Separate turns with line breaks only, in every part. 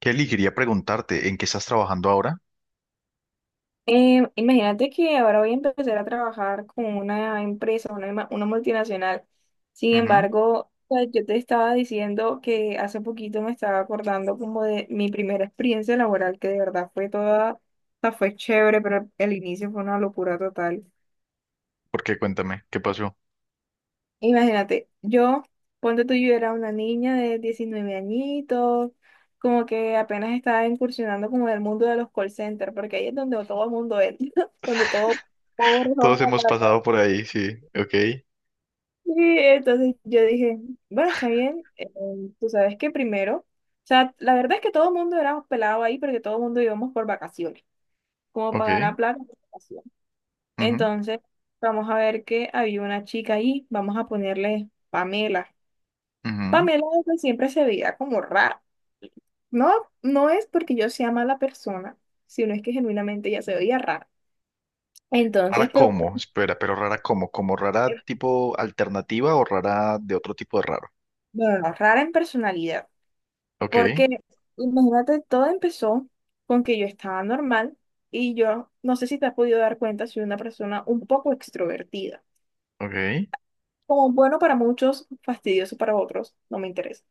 Kelly, quería preguntarte, ¿en qué estás trabajando ahora?
Imagínate que ahora voy a empezar a trabajar con una empresa, una, una multinacional. Sin
Ujú.
embargo, pues, yo te estaba diciendo que hace poquito me estaba acordando como de mi primera experiencia laboral, que de verdad fue toda, o sea, fue chévere, pero el inicio fue una locura total.
¿Por qué? Cuéntame, ¿qué pasó?
Imagínate, yo, ponte tú, yo era una niña de 19 añitos, como que apenas estaba incursionando como en el mundo de los call centers, porque ahí es donde todo el mundo entra, donde todo... Pobre
Todos
joven.
hemos pasado por ahí, sí. Ok,
Sí, entonces yo dije, bueno, está bien, tú sabes que primero, o sea, la verdad es que todo el mundo éramos pelados ahí porque todo el mundo íbamos por vacaciones, como para
ok.
ganar plata por vacaciones.
Ujú,
Entonces, vamos a ver que había una chica ahí, vamos a ponerle Pamela.
ujú.
Pamela desde siempre se veía como rara. No, no es porque yo sea mala persona, sino es que genuinamente ella se veía rara. Entonces,
¿Rara
pero
cómo? Espera, pero ¿rara cómo? ¿Como rara
eh,
tipo alternativa o rara de otro tipo de raro?
bueno, rara en personalidad.
Ok,
Porque imagínate, todo empezó con que yo estaba normal y yo no sé si te has podido dar cuenta, soy una persona un poco extrovertida.
ok.
Como bueno para muchos, fastidioso para otros, no me interesa.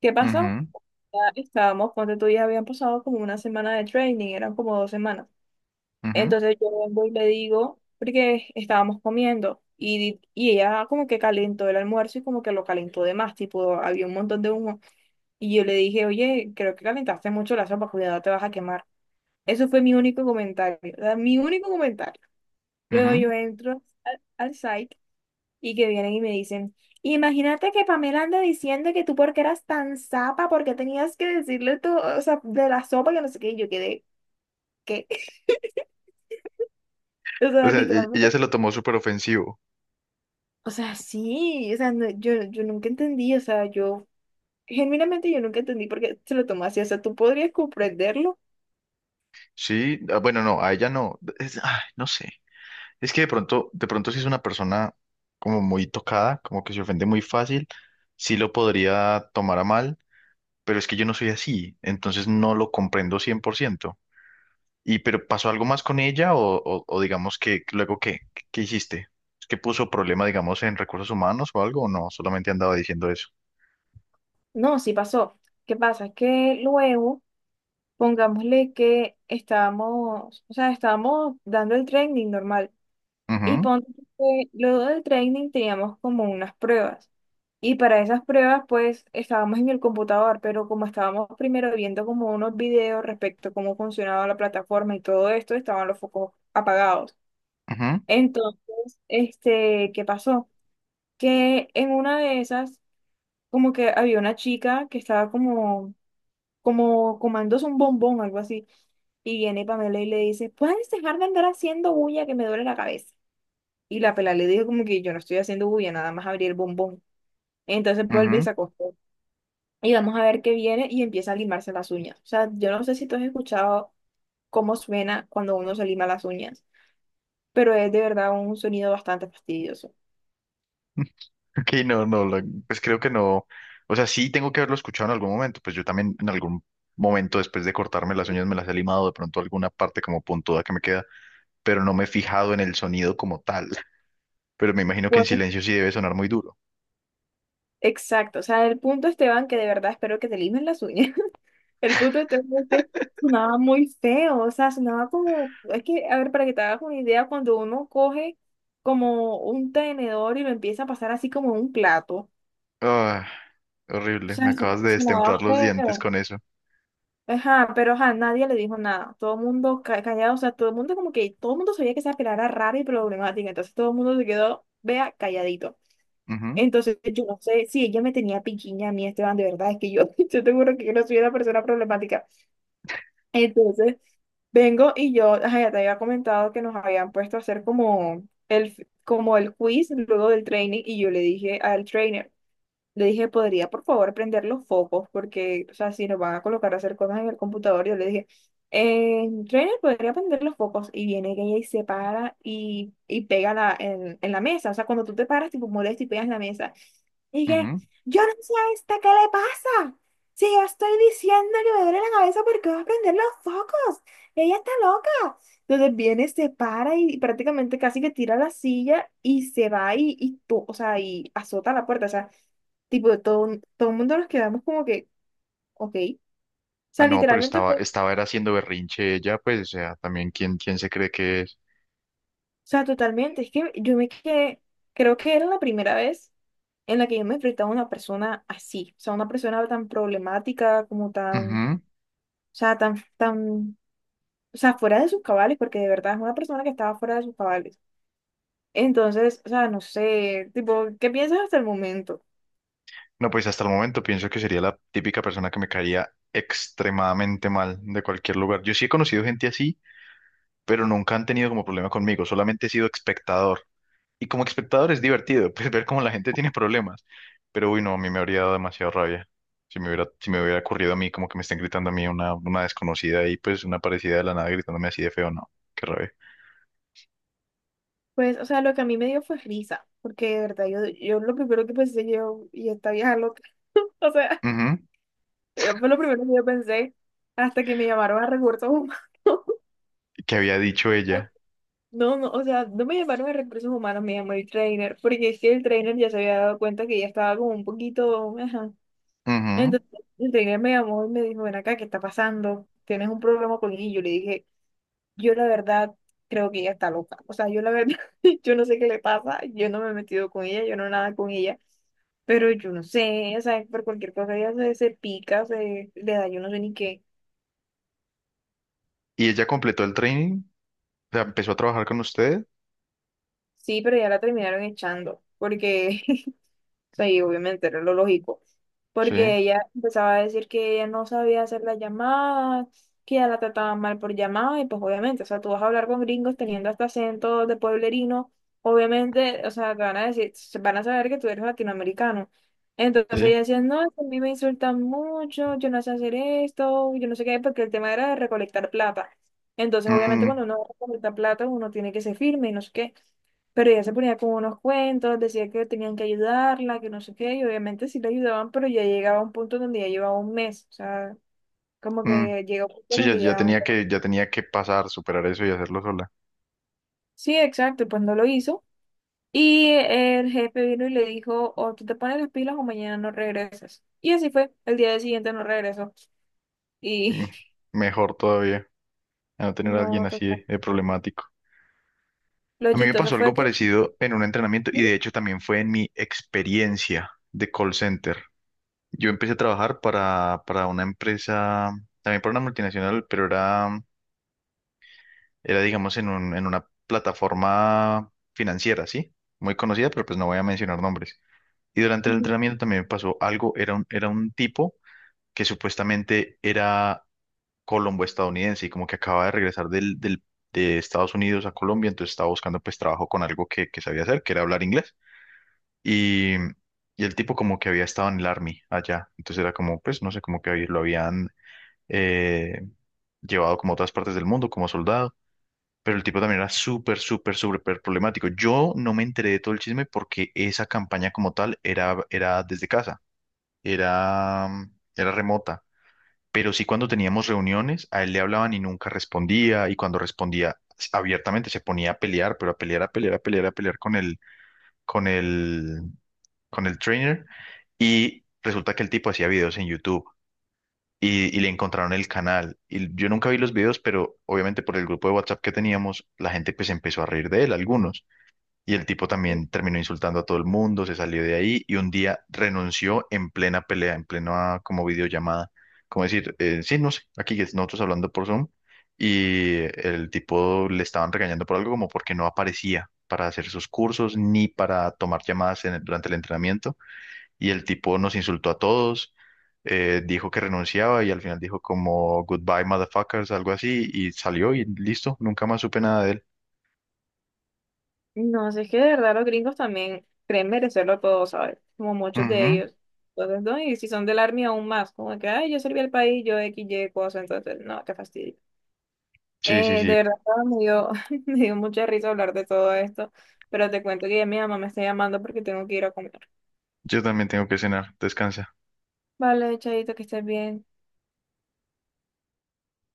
¿Qué pasó?
Ujú,
Ya estábamos, ponte tú, ya habían pasado como una semana de training, eran como dos semanas.
ujú,
Entonces yo vengo y le digo, porque estábamos comiendo y, y ella como que calentó el almuerzo y como que lo calentó de más, tipo había un montón de humo. Y yo le dije, oye, creo que calentaste mucho la sopa, cuidado, te vas a quemar. Eso fue mi único comentario, o sea, mi único comentario. Luego yo
ujú.
entro al site y que vienen y me dicen, imagínate que Pamela anda diciendo que tú porque eras tan zapa, porque tenías que decirle tú, o sea, de la sopa que no sé qué, y yo quedé, ¿qué? O
O
sea,
sea, ella
literalmente.
se lo tomó súper ofensivo.
O sea, sí, o sea, yo, yo nunca entendí, o sea, yo, genuinamente yo nunca entendí por qué se lo tomó así, o sea, tú podrías comprenderlo.
Sí, ah, bueno, no, a ella no. Ay, no sé. Es que de pronto si es una persona como muy tocada, como que se ofende muy fácil, sí lo podría tomar a mal, pero es que yo no soy así, entonces no lo comprendo 100%. ¿Y pero pasó algo más con ella o digamos que luego qué? ¿Qué hiciste? ¿Qué puso problema, digamos, en recursos humanos o algo? ¿O no? Solamente andaba diciendo eso.
No, sí pasó. ¿Qué pasa? Que luego... Pongámosle que estábamos, o sea, estábamos dando el training normal y
Ujú,
ponte que luego del training teníamos como unas pruebas y para esas pruebas pues estábamos en el computador, pero como estábamos primero viendo como unos videos respecto a cómo funcionaba la plataforma y todo esto, estaban los focos apagados.
ujú,
Entonces, este, ¿qué pasó? Que en una de esas como que había una chica que estaba como comándose un bombón, algo así. Y viene Pamela y le dice, ¿puedes dejar de andar haciendo bulla que me duele la cabeza? Y la pela le dijo como que yo no estoy haciendo bulla, nada más abrí el bombón. Entonces vuelve y
ujú.
se acostó. Y vamos a ver qué viene y empieza a limarse las uñas. O sea, yo no sé si tú has escuchado cómo suena cuando uno se lima las uñas, pero es de verdad un sonido bastante fastidioso.
Ok, no, no, pues creo que no. O sea, sí tengo que haberlo escuchado en algún momento. Pues yo también en algún momento después de cortarme las uñas me las he limado de pronto alguna parte como puntuda que me queda, pero no me he fijado en el sonido como tal. Pero me imagino que en
Bueno.
silencio sí debe sonar muy duro.
Exacto, o sea, el punto, Esteban, que de verdad espero que te limen las uñas. El punto de tema es que sonaba muy feo, o sea, sonaba como, es que, a ver, para que te hagas una idea, cuando uno coge como un tenedor y lo empieza a pasar así como en un plato, o
Ah, horrible, me
sea,
acabas de
sonaba
destemplar los dientes
feo.
con eso.
Ajá, pero ajá, nadie le dijo nada, todo el mundo callado, o sea, todo el mundo como que, todo el mundo sabía que esa pelada era rara y problemática, entonces todo el mundo se quedó, vea, calladito.
Ujú,
Entonces, yo no sé si ella me tenía piquiña a mí, Esteban, de verdad, es que yo, yo te juro que yo no soy una persona problemática. Entonces, vengo y yo, ajá, ya te había comentado que nos habían puesto a hacer como el quiz luego del training y yo le dije al trainer, le dije, ¿podría por favor prender los focos? Porque, o sea, si nos van a colocar a hacer cosas en el computador, yo le dije, trainer, ¿podría prender los focos? Y viene ella y se para y pega la, en la mesa. O sea, cuando tú te paras, tipo molesta y pegas la mesa. Y que,
ujú.
yo no sé a esta, ¿qué le pasa? Si yo estoy diciendo que me duele la cabeza porque va a prender los focos. Ella está loca. Entonces viene, se para y prácticamente casi que tira la silla y se va y o sea, y azota la puerta. O sea, tipo, todo, todo el mundo nos quedamos como que, ok. O
Ah,
sea,
no, pero
literalmente fue, o
estaba era haciendo berrinche ella, pues, o sea, también quién, quién se cree que es.
sea, totalmente. Es que yo me quedé, creo que era la primera vez en la que yo me enfrentaba a una persona así. O sea, una persona tan problemática, como tan. O sea, tan, o sea, fuera de sus cabales, porque de verdad es una persona que estaba fuera de sus cabales. Entonces, o sea, no sé, tipo, ¿qué piensas hasta el momento?
No, pues hasta el momento pienso que sería la típica persona que me caería extremadamente mal de cualquier lugar. Yo sí he conocido gente así, pero nunca han tenido como problema conmigo, solamente he sido espectador. Y como espectador es divertido, pues ver cómo la gente tiene problemas. Pero uy, no, a mí me habría dado demasiado rabia. Si me hubiera ocurrido a mí como que me estén gritando a mí una desconocida y pues una parecida de la nada gritándome así de feo, no, qué rabia.
Pues, o sea, lo que a mí me dio fue risa, porque de verdad, yo lo primero que pensé yo, y esta vieja loca, o sea,
Ujú.
fue lo primero que yo pensé hasta que me llamaron a recursos humanos.
¿Qué había dicho ella?
No, no, o sea, no me llamaron a recursos humanos, me llamó el trainer, porque es que el trainer ya se había dado cuenta que ya estaba como un poquito, ajá.
Ujú.
Entonces el trainer me llamó y me dijo, ven acá, ¿qué está pasando? ¿Tienes un problema con ella? Y yo le dije, yo la verdad creo que ella está loca. O sea, yo la verdad, yo no sé qué le pasa, yo no me he metido con ella, yo no nada con ella, pero yo no sé, o sea, por cualquier cosa ella se, se pica, se le da, yo no sé ni qué.
Y ella completó el training, o sea, empezó a trabajar con usted.
Sí, pero ya la terminaron echando, porque sea, y obviamente era lo lógico,
Sí,
porque ella empezaba a decir que ella no sabía hacer las llamadas, que ya la trataban mal por llamada, y pues obviamente, o sea, tú vas a hablar con gringos teniendo hasta acento de pueblerino, obviamente, o sea, te van a decir, se van a saber que tú eres latinoamericano. Entonces
sí.
ella decía, no, es que a mí me insultan mucho, yo no sé hacer esto, yo no sé qué, porque el tema era de recolectar plata. Entonces, obviamente,
Ujú.
cuando uno recolecta plata, uno tiene que ser firme y no sé qué. Pero ella se ponía con unos cuentos, decía que tenían que ayudarla, que no sé qué, y obviamente sí la ayudaban, pero ya llegaba a un punto donde ya llevaba 1 mes, o sea, como
Mm,
que llega un punto
sí, ya,
donde ya...
ya tenía que pasar, superar eso y hacerlo sola.
Sí, exacto, pues no lo hizo. Y el jefe vino y le dijo, o tú te pones las pilas o mañana no regresas. Y así fue, el día siguiente no regresó. Y
Mm, mejor todavía, a no tener a alguien
no,
así
total.
de problemático.
Lo
A mí me
chistoso
pasó
fue
algo
que...
parecido en un entrenamiento y de hecho también fue en mi experiencia de call center. Yo empecé a trabajar para una empresa, también para una multinacional, pero era digamos, en una plataforma financiera, ¿sí? Muy conocida, pero pues no voy a mencionar nombres. Y durante el entrenamiento también me pasó algo, era un tipo que supuestamente era Colombo estadounidense y como que acaba de regresar de Estados Unidos a Colombia, entonces estaba buscando pues trabajo con algo que sabía hacer, que era hablar inglés. Y el tipo como que había estado en el Army allá, entonces era como, pues no sé, como que ahí lo habían eh, llevado como a otras partes del mundo como soldado. Pero el tipo también era súper, súper, súper problemático. Yo no me enteré de todo el chisme porque esa campaña como tal era desde casa, era, era remota. Pero sí cuando teníamos reuniones, a él le hablaban y nunca respondía, y cuando respondía abiertamente se ponía a pelear, pero a pelear, a pelear, a pelear, a pelear con el, con el trainer, y resulta que el tipo hacía videos en YouTube. Y le encontraron el canal. Y yo nunca vi los videos, pero obviamente por el grupo de WhatsApp que teníamos, la gente pues empezó a reír de él, algunos. Y el tipo también terminó insultando a todo el mundo, se salió de ahí y un día renunció en plena pelea, en plena como videollamada. Como decir, sí, no sé, nosotros hablando por Zoom y el tipo le estaban regañando por algo como porque no aparecía para hacer sus cursos ni para tomar llamadas durante el entrenamiento. Y el tipo nos insultó a todos, dijo que renunciaba y al final dijo como goodbye motherfuckers, algo así y salió y listo, nunca más supe nada de él.
No, sé es que de verdad los gringos también creen merecerlo todo, ¿sabes? Como muchos de
Ujú.
ellos. Entonces, no, y si son del Army aún más, como que, ay, yo serví al país, yo X, Y, cosa, entonces, no, qué fastidio.
Sí, sí,
De
sí.
verdad, me dio, me dio mucha risa hablar de todo esto, pero te cuento que ya mi mamá me está llamando porque tengo que ir a comer.
Yo también tengo que cenar. Descansa.
Vale, Chaito, que estés bien.